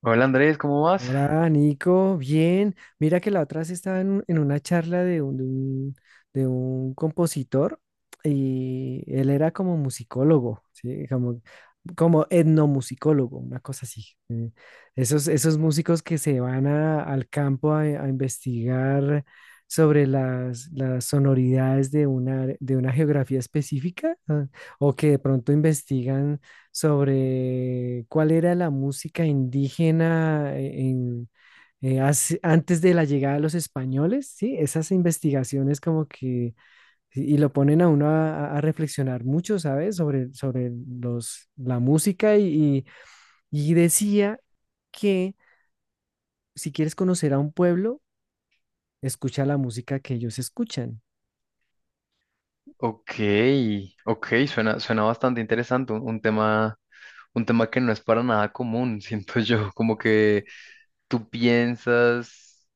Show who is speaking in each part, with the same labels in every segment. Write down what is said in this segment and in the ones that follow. Speaker 1: Hola Andrés, ¿cómo vas?
Speaker 2: Hola, Nico, bien. Mira que la otra vez estaba en una charla de un compositor y él era como musicólogo, ¿sí? Como etnomusicólogo, una cosa así. Esos músicos que se van al campo a investigar sobre las sonoridades de una geografía específica, o que de pronto investigan sobre cuál era la música indígena, antes de la llegada de los españoles, ¿sí? Esas investigaciones como que, y lo ponen a uno a reflexionar mucho, ¿sabes? Sobre la música y decía que si quieres conocer a un pueblo, escucha la música que ellos escuchan.
Speaker 1: Ok, ok, suena, suena bastante interesante, un tema que no es para nada común, siento yo, como que tú piensas,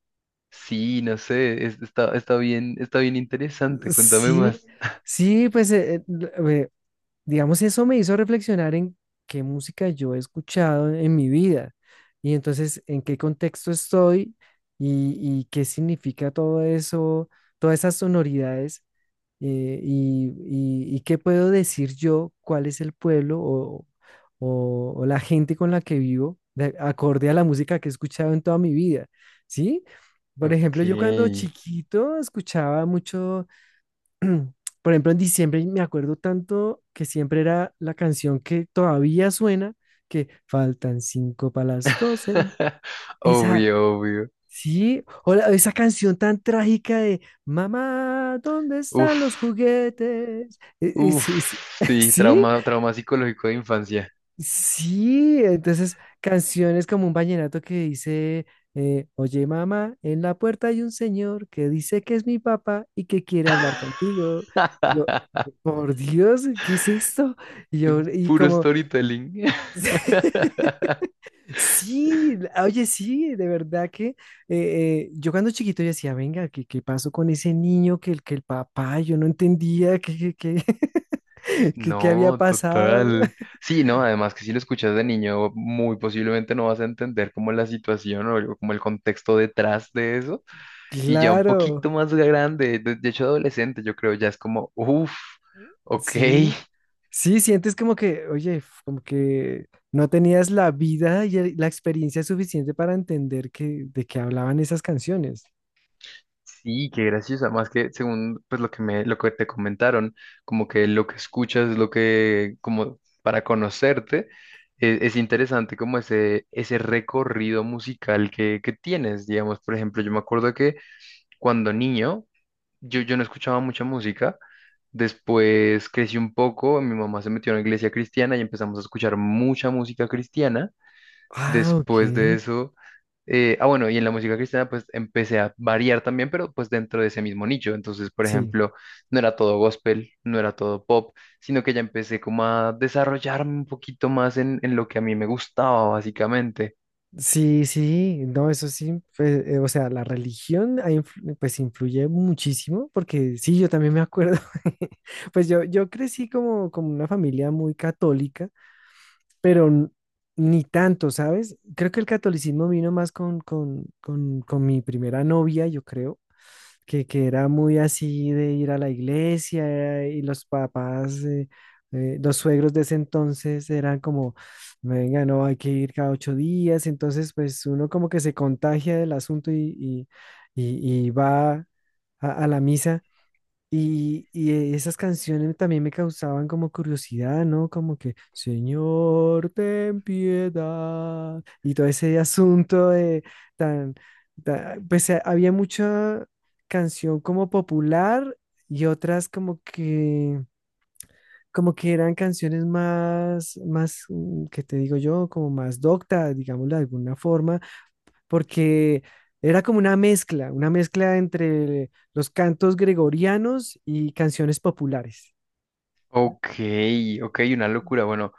Speaker 1: sí, no sé, está, está bien interesante, cuéntame
Speaker 2: Sí,
Speaker 1: más.
Speaker 2: sí, pues eh, digamos, eso me hizo reflexionar en qué música yo he escuchado en mi vida y entonces en qué contexto estoy y qué significa todo eso, todas esas sonoridades eh, y, y qué puedo decir yo, cuál es el pueblo o la gente con la que vivo, acorde a la música que he escuchado en toda mi vida, ¿sí? Por ejemplo,
Speaker 1: Ok.
Speaker 2: yo cuando chiquito escuchaba mucho. Por ejemplo, en diciembre me acuerdo tanto que siempre era la canción que todavía suena, que faltan 5 para las 12. Esa,
Speaker 1: Obvio, obvio.
Speaker 2: sí, o esa canción tan trágica de Mamá, ¿dónde están los
Speaker 1: Uf,
Speaker 2: juguetes?
Speaker 1: uf, sí,
Speaker 2: Sí.
Speaker 1: trauma, trauma psicológico de infancia.
Speaker 2: Sí, entonces canciones como un vallenato que dice, oye, mamá, en la puerta hay un señor que dice que es mi papá y que quiere hablar contigo. Yo, por Dios, ¿qué es esto? Y yo, y
Speaker 1: Puro
Speaker 2: como,
Speaker 1: storytelling.
Speaker 2: sí, oye, sí, de verdad que yo cuando chiquito yo decía, venga, ¿qué pasó con ese niño que el, papá? Yo no entendía qué había
Speaker 1: No,
Speaker 2: pasado.
Speaker 1: total. Sí, no, además que si lo escuchas de niño, muy posiblemente no vas a entender como la situación o como el contexto detrás de eso. Y ya un poquito
Speaker 2: Claro,
Speaker 1: más grande, de hecho adolescente, yo creo, ya es como, uff, ok,
Speaker 2: sí. Sí, sientes como que, oye, como que no tenías la vida y la experiencia suficiente para entender de qué hablaban esas canciones.
Speaker 1: sí, qué gracioso. Además que según pues lo que me, lo que te comentaron, como que lo que escuchas es lo que, como para conocerte, es interesante como ese recorrido musical que tienes. Digamos, por ejemplo, yo me acuerdo que cuando niño, yo no escuchaba mucha música. Después crecí un poco, mi mamá se metió en la iglesia cristiana y empezamos a escuchar mucha música cristiana.
Speaker 2: Ah,
Speaker 1: Después de
Speaker 2: ok.
Speaker 1: eso, ah, bueno, y en la música cristiana pues empecé a variar también, pero pues dentro de ese mismo nicho. Entonces, por
Speaker 2: Sí.
Speaker 1: ejemplo, no era todo gospel, no era todo pop, sino que ya empecé como a desarrollarme un poquito más en lo que a mí me gustaba, básicamente.
Speaker 2: Sí, sí, no, eso sí, pues, o sea, la religión pues influye muchísimo, porque sí, yo también me acuerdo. Pues yo crecí como una familia muy católica, pero ni tanto, ¿sabes? Creo que el catolicismo vino más con mi primera novia, yo creo. Que era muy así de ir a la iglesia, y los papás, los suegros de ese entonces eran como, venga, no, hay que ir cada 8 días, entonces pues uno como que se contagia del asunto y va a la misa, y esas canciones también me causaban como curiosidad, ¿no? Como que, Señor, ten piedad. Y todo ese asunto de tan, pues, había mucha canción como popular y otras como que eran canciones más, ¿qué te digo yo? Como más docta, digámoslo de alguna forma, porque era como una mezcla entre los cantos gregorianos y canciones populares.
Speaker 1: Ok, ok, una locura. Bueno.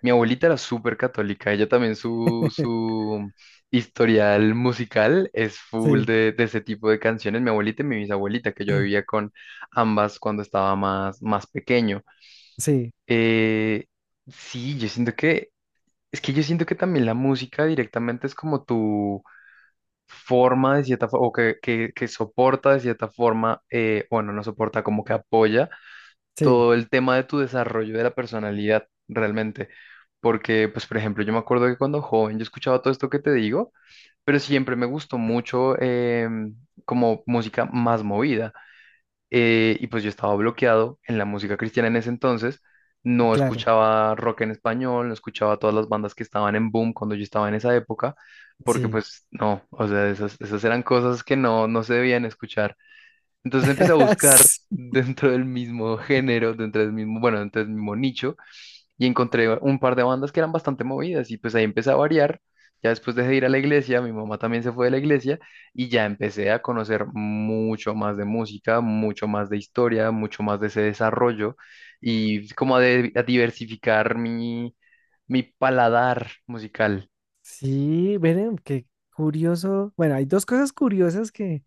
Speaker 1: Mi abuelita era súper católica, ella también su, su historial musical es full
Speaker 2: Sí,
Speaker 1: de ese tipo de canciones. Mi abuelita y mi bisabuelita, que yo vivía con ambas cuando estaba más, más pequeño.
Speaker 2: sí,
Speaker 1: Eh, sí, yo siento que, es que yo siento que también la música directamente es como tu forma de cierta forma, que soporta de cierta forma, bueno, no soporta, como que apoya
Speaker 2: sí,
Speaker 1: todo el tema de tu desarrollo de la personalidad realmente. Porque, pues, por ejemplo, yo me acuerdo que cuando joven yo escuchaba todo esto que te digo, pero siempre me gustó mucho em, como música más movida. Y pues yo estaba bloqueado en la música cristiana en ese entonces. No
Speaker 2: claro,
Speaker 1: escuchaba rock en español, no escuchaba todas las bandas que estaban en boom cuando yo estaba en esa época, porque
Speaker 2: sí.
Speaker 1: pues no, o sea, esas, esas eran cosas que no, no se debían escuchar. Entonces empecé a buscar dentro del mismo género, dentro del mismo, bueno, dentro del mismo nicho, y encontré un par de bandas que eran bastante movidas, y pues ahí empecé a variar. Ya después dejé de ir a la iglesia, mi mamá también se fue de la iglesia, y ya empecé a conocer mucho más de música, mucho más de historia, mucho más de ese desarrollo, y como a, a diversificar mi, mi paladar musical.
Speaker 2: Sí, miren, qué curioso. Bueno, hay dos cosas curiosas que,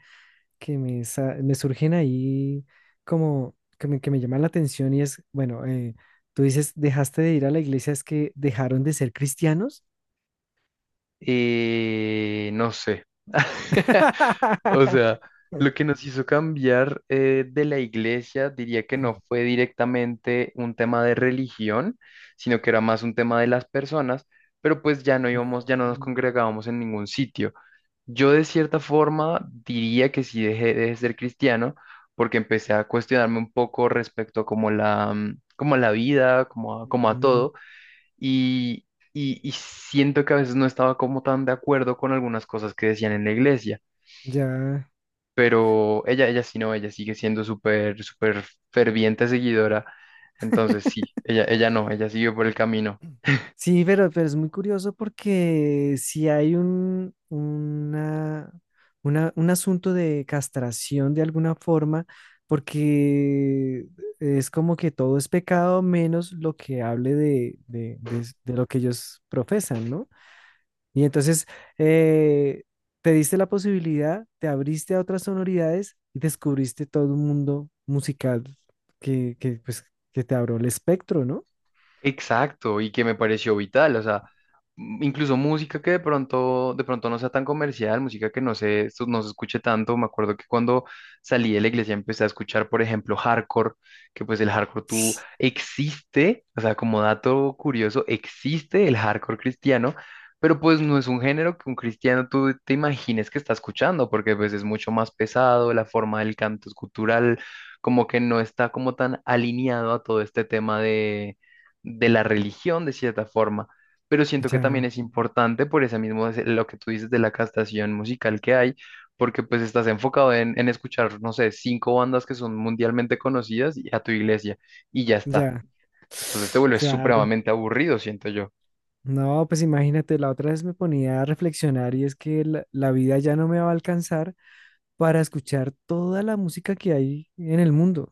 Speaker 2: que me surgen ahí, como que me llaman la atención, y es, bueno, tú dices, dejaste de ir a la iglesia, es que dejaron de ser cristianos.
Speaker 1: No sé. O sea, lo que nos hizo cambiar de la iglesia, diría que no fue directamente un tema de religión, sino que era más un tema de las personas, pero pues ya no íbamos, ya no nos
Speaker 2: Mm,
Speaker 1: congregábamos en ningún sitio. Yo de cierta forma diría que sí dejé de ser cristiano porque empecé a cuestionarme un poco respecto a como la, como a la vida, como a, como a
Speaker 2: mm.
Speaker 1: todo y, y siento que a veces no estaba como tan de acuerdo con algunas cosas que decían en la iglesia,
Speaker 2: Ya.
Speaker 1: pero ella sí no, ella sigue siendo súper, súper ferviente seguidora. Entonces sí, ella no, ella siguió por el camino.
Speaker 2: Sí, pero es muy curioso, porque si hay un asunto de castración de alguna forma, porque es como que todo es pecado menos lo que hable de lo que ellos profesan, ¿no? Y entonces eh, te diste la posibilidad, te abriste a otras sonoridades y descubriste todo un mundo musical, pues, que te abrió el espectro, ¿no?
Speaker 1: Exacto, y que me pareció vital, o sea, incluso música que de pronto no sea tan comercial, música que no se, esto no se escuche tanto. Me acuerdo que cuando salí de la iglesia empecé a escuchar, por ejemplo, hardcore, que pues el hardcore tú existe, o sea, como dato curioso, existe el hardcore cristiano, pero pues no es un género que un cristiano tú te imagines que está escuchando, porque pues es mucho más pesado, la forma del canto es cultural, como que no está como tan alineado a todo este tema de la religión de cierta forma, pero siento que también
Speaker 2: Ya.
Speaker 1: es importante por ese mismo, lo que tú dices de la castación musical que hay, porque pues estás enfocado en escuchar, no sé, cinco bandas que son mundialmente conocidas y a tu iglesia y ya está.
Speaker 2: Ya,
Speaker 1: Entonces te vuelves
Speaker 2: claro.
Speaker 1: supremamente aburrido, siento yo.
Speaker 2: No, pues imagínate, la otra vez me ponía a reflexionar, y es que la vida ya no me va a alcanzar para escuchar toda la música que hay en el mundo.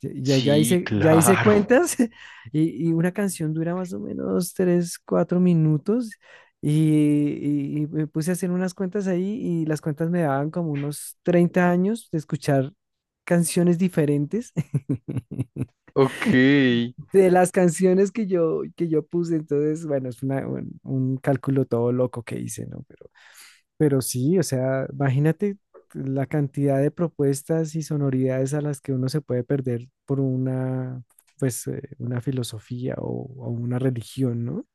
Speaker 2: Ya, ya ya
Speaker 1: Sí,
Speaker 2: hice, ya hice
Speaker 1: claro.
Speaker 2: cuentas, y una canción dura más o menos 3, 4 minutos, y me puse a hacer unas cuentas ahí, y las cuentas me daban como unos 30 años de escuchar canciones diferentes,
Speaker 1: Ok.
Speaker 2: de las canciones que yo puse. Entonces, bueno, es un cálculo todo loco que hice, ¿no? Pero sí, o sea, imagínate la cantidad de propuestas y sonoridades a las que uno se puede perder por pues, una filosofía o una religión, ¿no?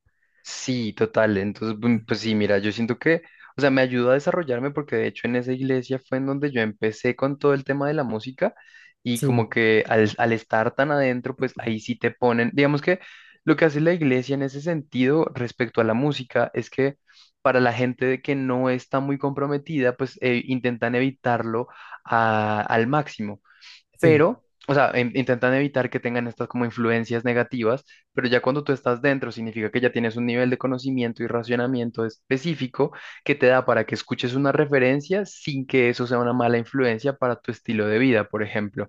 Speaker 1: Sí, total. Entonces, bum, pues sí, mira, yo siento que, o sea, me ayudó a desarrollarme porque de hecho en esa iglesia fue en donde yo empecé con todo el tema de la música y
Speaker 2: Sí,
Speaker 1: como que al, al estar tan adentro, pues ahí sí te ponen, digamos que lo que hace la iglesia en ese sentido respecto a la música es que para la gente que no está muy comprometida, pues intentan evitarlo al máximo,
Speaker 2: sí,
Speaker 1: pero, o sea, intentan evitar que tengan estas como influencias negativas, pero ya cuando tú estás dentro significa que ya tienes un nivel de conocimiento y racionamiento específico que te da para que escuches una referencia sin que eso sea una mala influencia para tu estilo de vida, por ejemplo.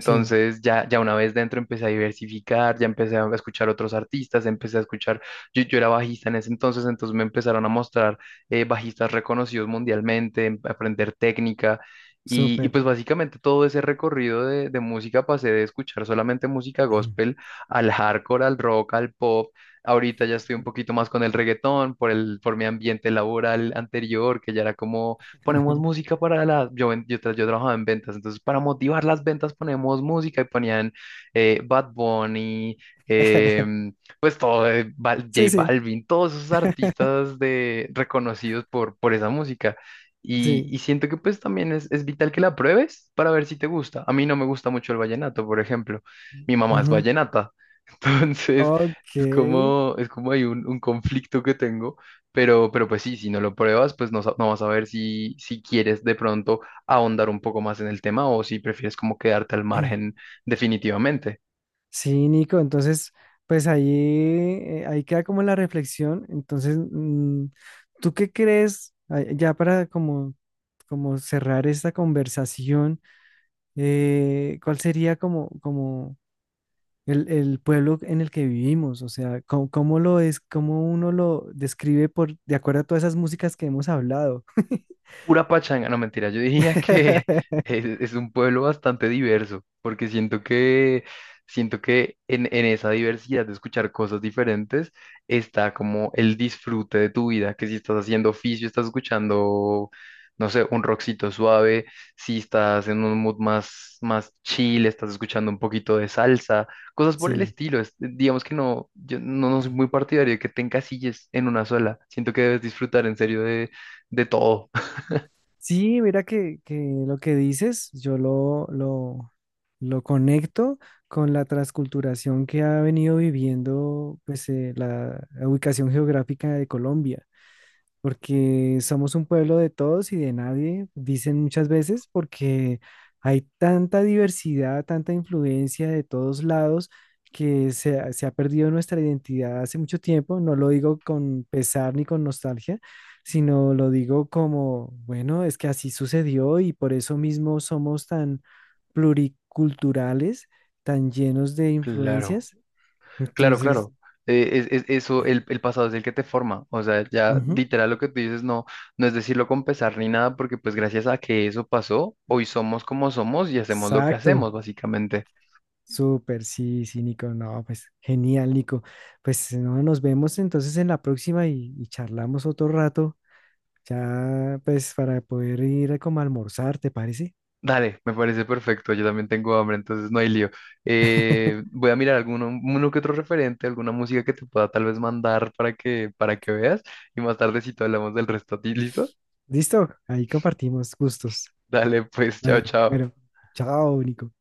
Speaker 2: sí,
Speaker 1: ya, ya una vez dentro empecé a diversificar, ya empecé a escuchar otros artistas, empecé a escuchar, yo era bajista en ese entonces, entonces me empezaron a mostrar bajistas reconocidos mundialmente, aprender técnica. Y
Speaker 2: súper.
Speaker 1: pues básicamente todo ese recorrido de música pasé de escuchar solamente música gospel al hardcore, al rock, al pop. Ahorita ya estoy un poquito más con el reggaetón por el, por mi ambiente laboral anterior, que ya era como ponemos música para la, yo, yo trabajaba en ventas, entonces para motivar las ventas ponemos música y ponían Bad Bunny, em, pues todo,
Speaker 2: Sí,
Speaker 1: J
Speaker 2: sí,
Speaker 1: Balvin, todos esos artistas de, reconocidos por esa música.
Speaker 2: sí.
Speaker 1: Y siento que pues también es vital que la pruebes para ver si te gusta. A mí no me gusta mucho el vallenato, por ejemplo. Mi mamá es
Speaker 2: Ujú.
Speaker 1: vallenata, entonces
Speaker 2: Ok.
Speaker 1: es como hay un conflicto que tengo, pero pues sí, si no lo pruebas, pues no, no vas a ver si, si quieres de pronto ahondar un poco más en el tema o si prefieres como quedarte al margen definitivamente.
Speaker 2: Sí, Nico, entonces, pues ahí queda como la reflexión. Entonces, ¿tú qué crees? Ah, ya, para como cerrar esta conversación, ¿cuál sería como el pueblo en el que vivimos? O sea, ¿cómo lo es, cómo uno lo describe de acuerdo a todas esas músicas que hemos hablado?
Speaker 1: Pura pachanga, no mentira, yo diría que es un pueblo bastante diverso, porque siento que en esa diversidad de escuchar cosas diferentes está como el disfrute de tu vida, que si estás haciendo oficio, estás escuchando, no sé, un rockcito suave, si estás en un mood más, más chill, estás escuchando un poquito de salsa, cosas por el
Speaker 2: Sí.
Speaker 1: estilo. Digamos que no, yo no, no soy muy partidario de que te encasilles en una sola, siento que debes disfrutar en serio de todo.
Speaker 2: Sí, mira que lo que dices, yo lo conecto con la transculturación que ha venido viviendo, pues, la ubicación geográfica de Colombia, porque somos un pueblo de todos y de nadie, dicen muchas veces, porque hay tanta diversidad, tanta influencia de todos lados, que se ha perdido nuestra identidad hace mucho tiempo. No lo digo con pesar ni con nostalgia, sino lo digo como, bueno, es que así sucedió, y por eso mismo somos tan pluriculturales, tan llenos de
Speaker 1: Claro,
Speaker 2: influencias.
Speaker 1: claro,
Speaker 2: Entonces,
Speaker 1: claro. Es, eso, el pasado es el que te forma. O sea, ya
Speaker 2: ujú,
Speaker 1: literal lo que tú dices, no, no es decirlo con pesar ni nada, porque pues gracias a que eso pasó, hoy somos como somos y hacemos lo que
Speaker 2: exacto.
Speaker 1: hacemos, básicamente.
Speaker 2: Súper, sí, sí, Nico, no, pues genial, Nico. Pues no, nos vemos entonces en la próxima y charlamos otro rato, ya pues para poder ir a como a almorzar, ¿te parece?
Speaker 1: Dale, me parece perfecto. Yo también tengo hambre, entonces no hay lío. Voy a mirar alguno, uno que otro referente, alguna música que te pueda tal vez mandar para que veas y más tardecito hablamos del resto. ¿A ti? ¿Listo?
Speaker 2: Listo, ahí compartimos gustos.
Speaker 1: Dale, pues, chao,
Speaker 2: Vale,
Speaker 1: chao.
Speaker 2: bueno, chao, Nico.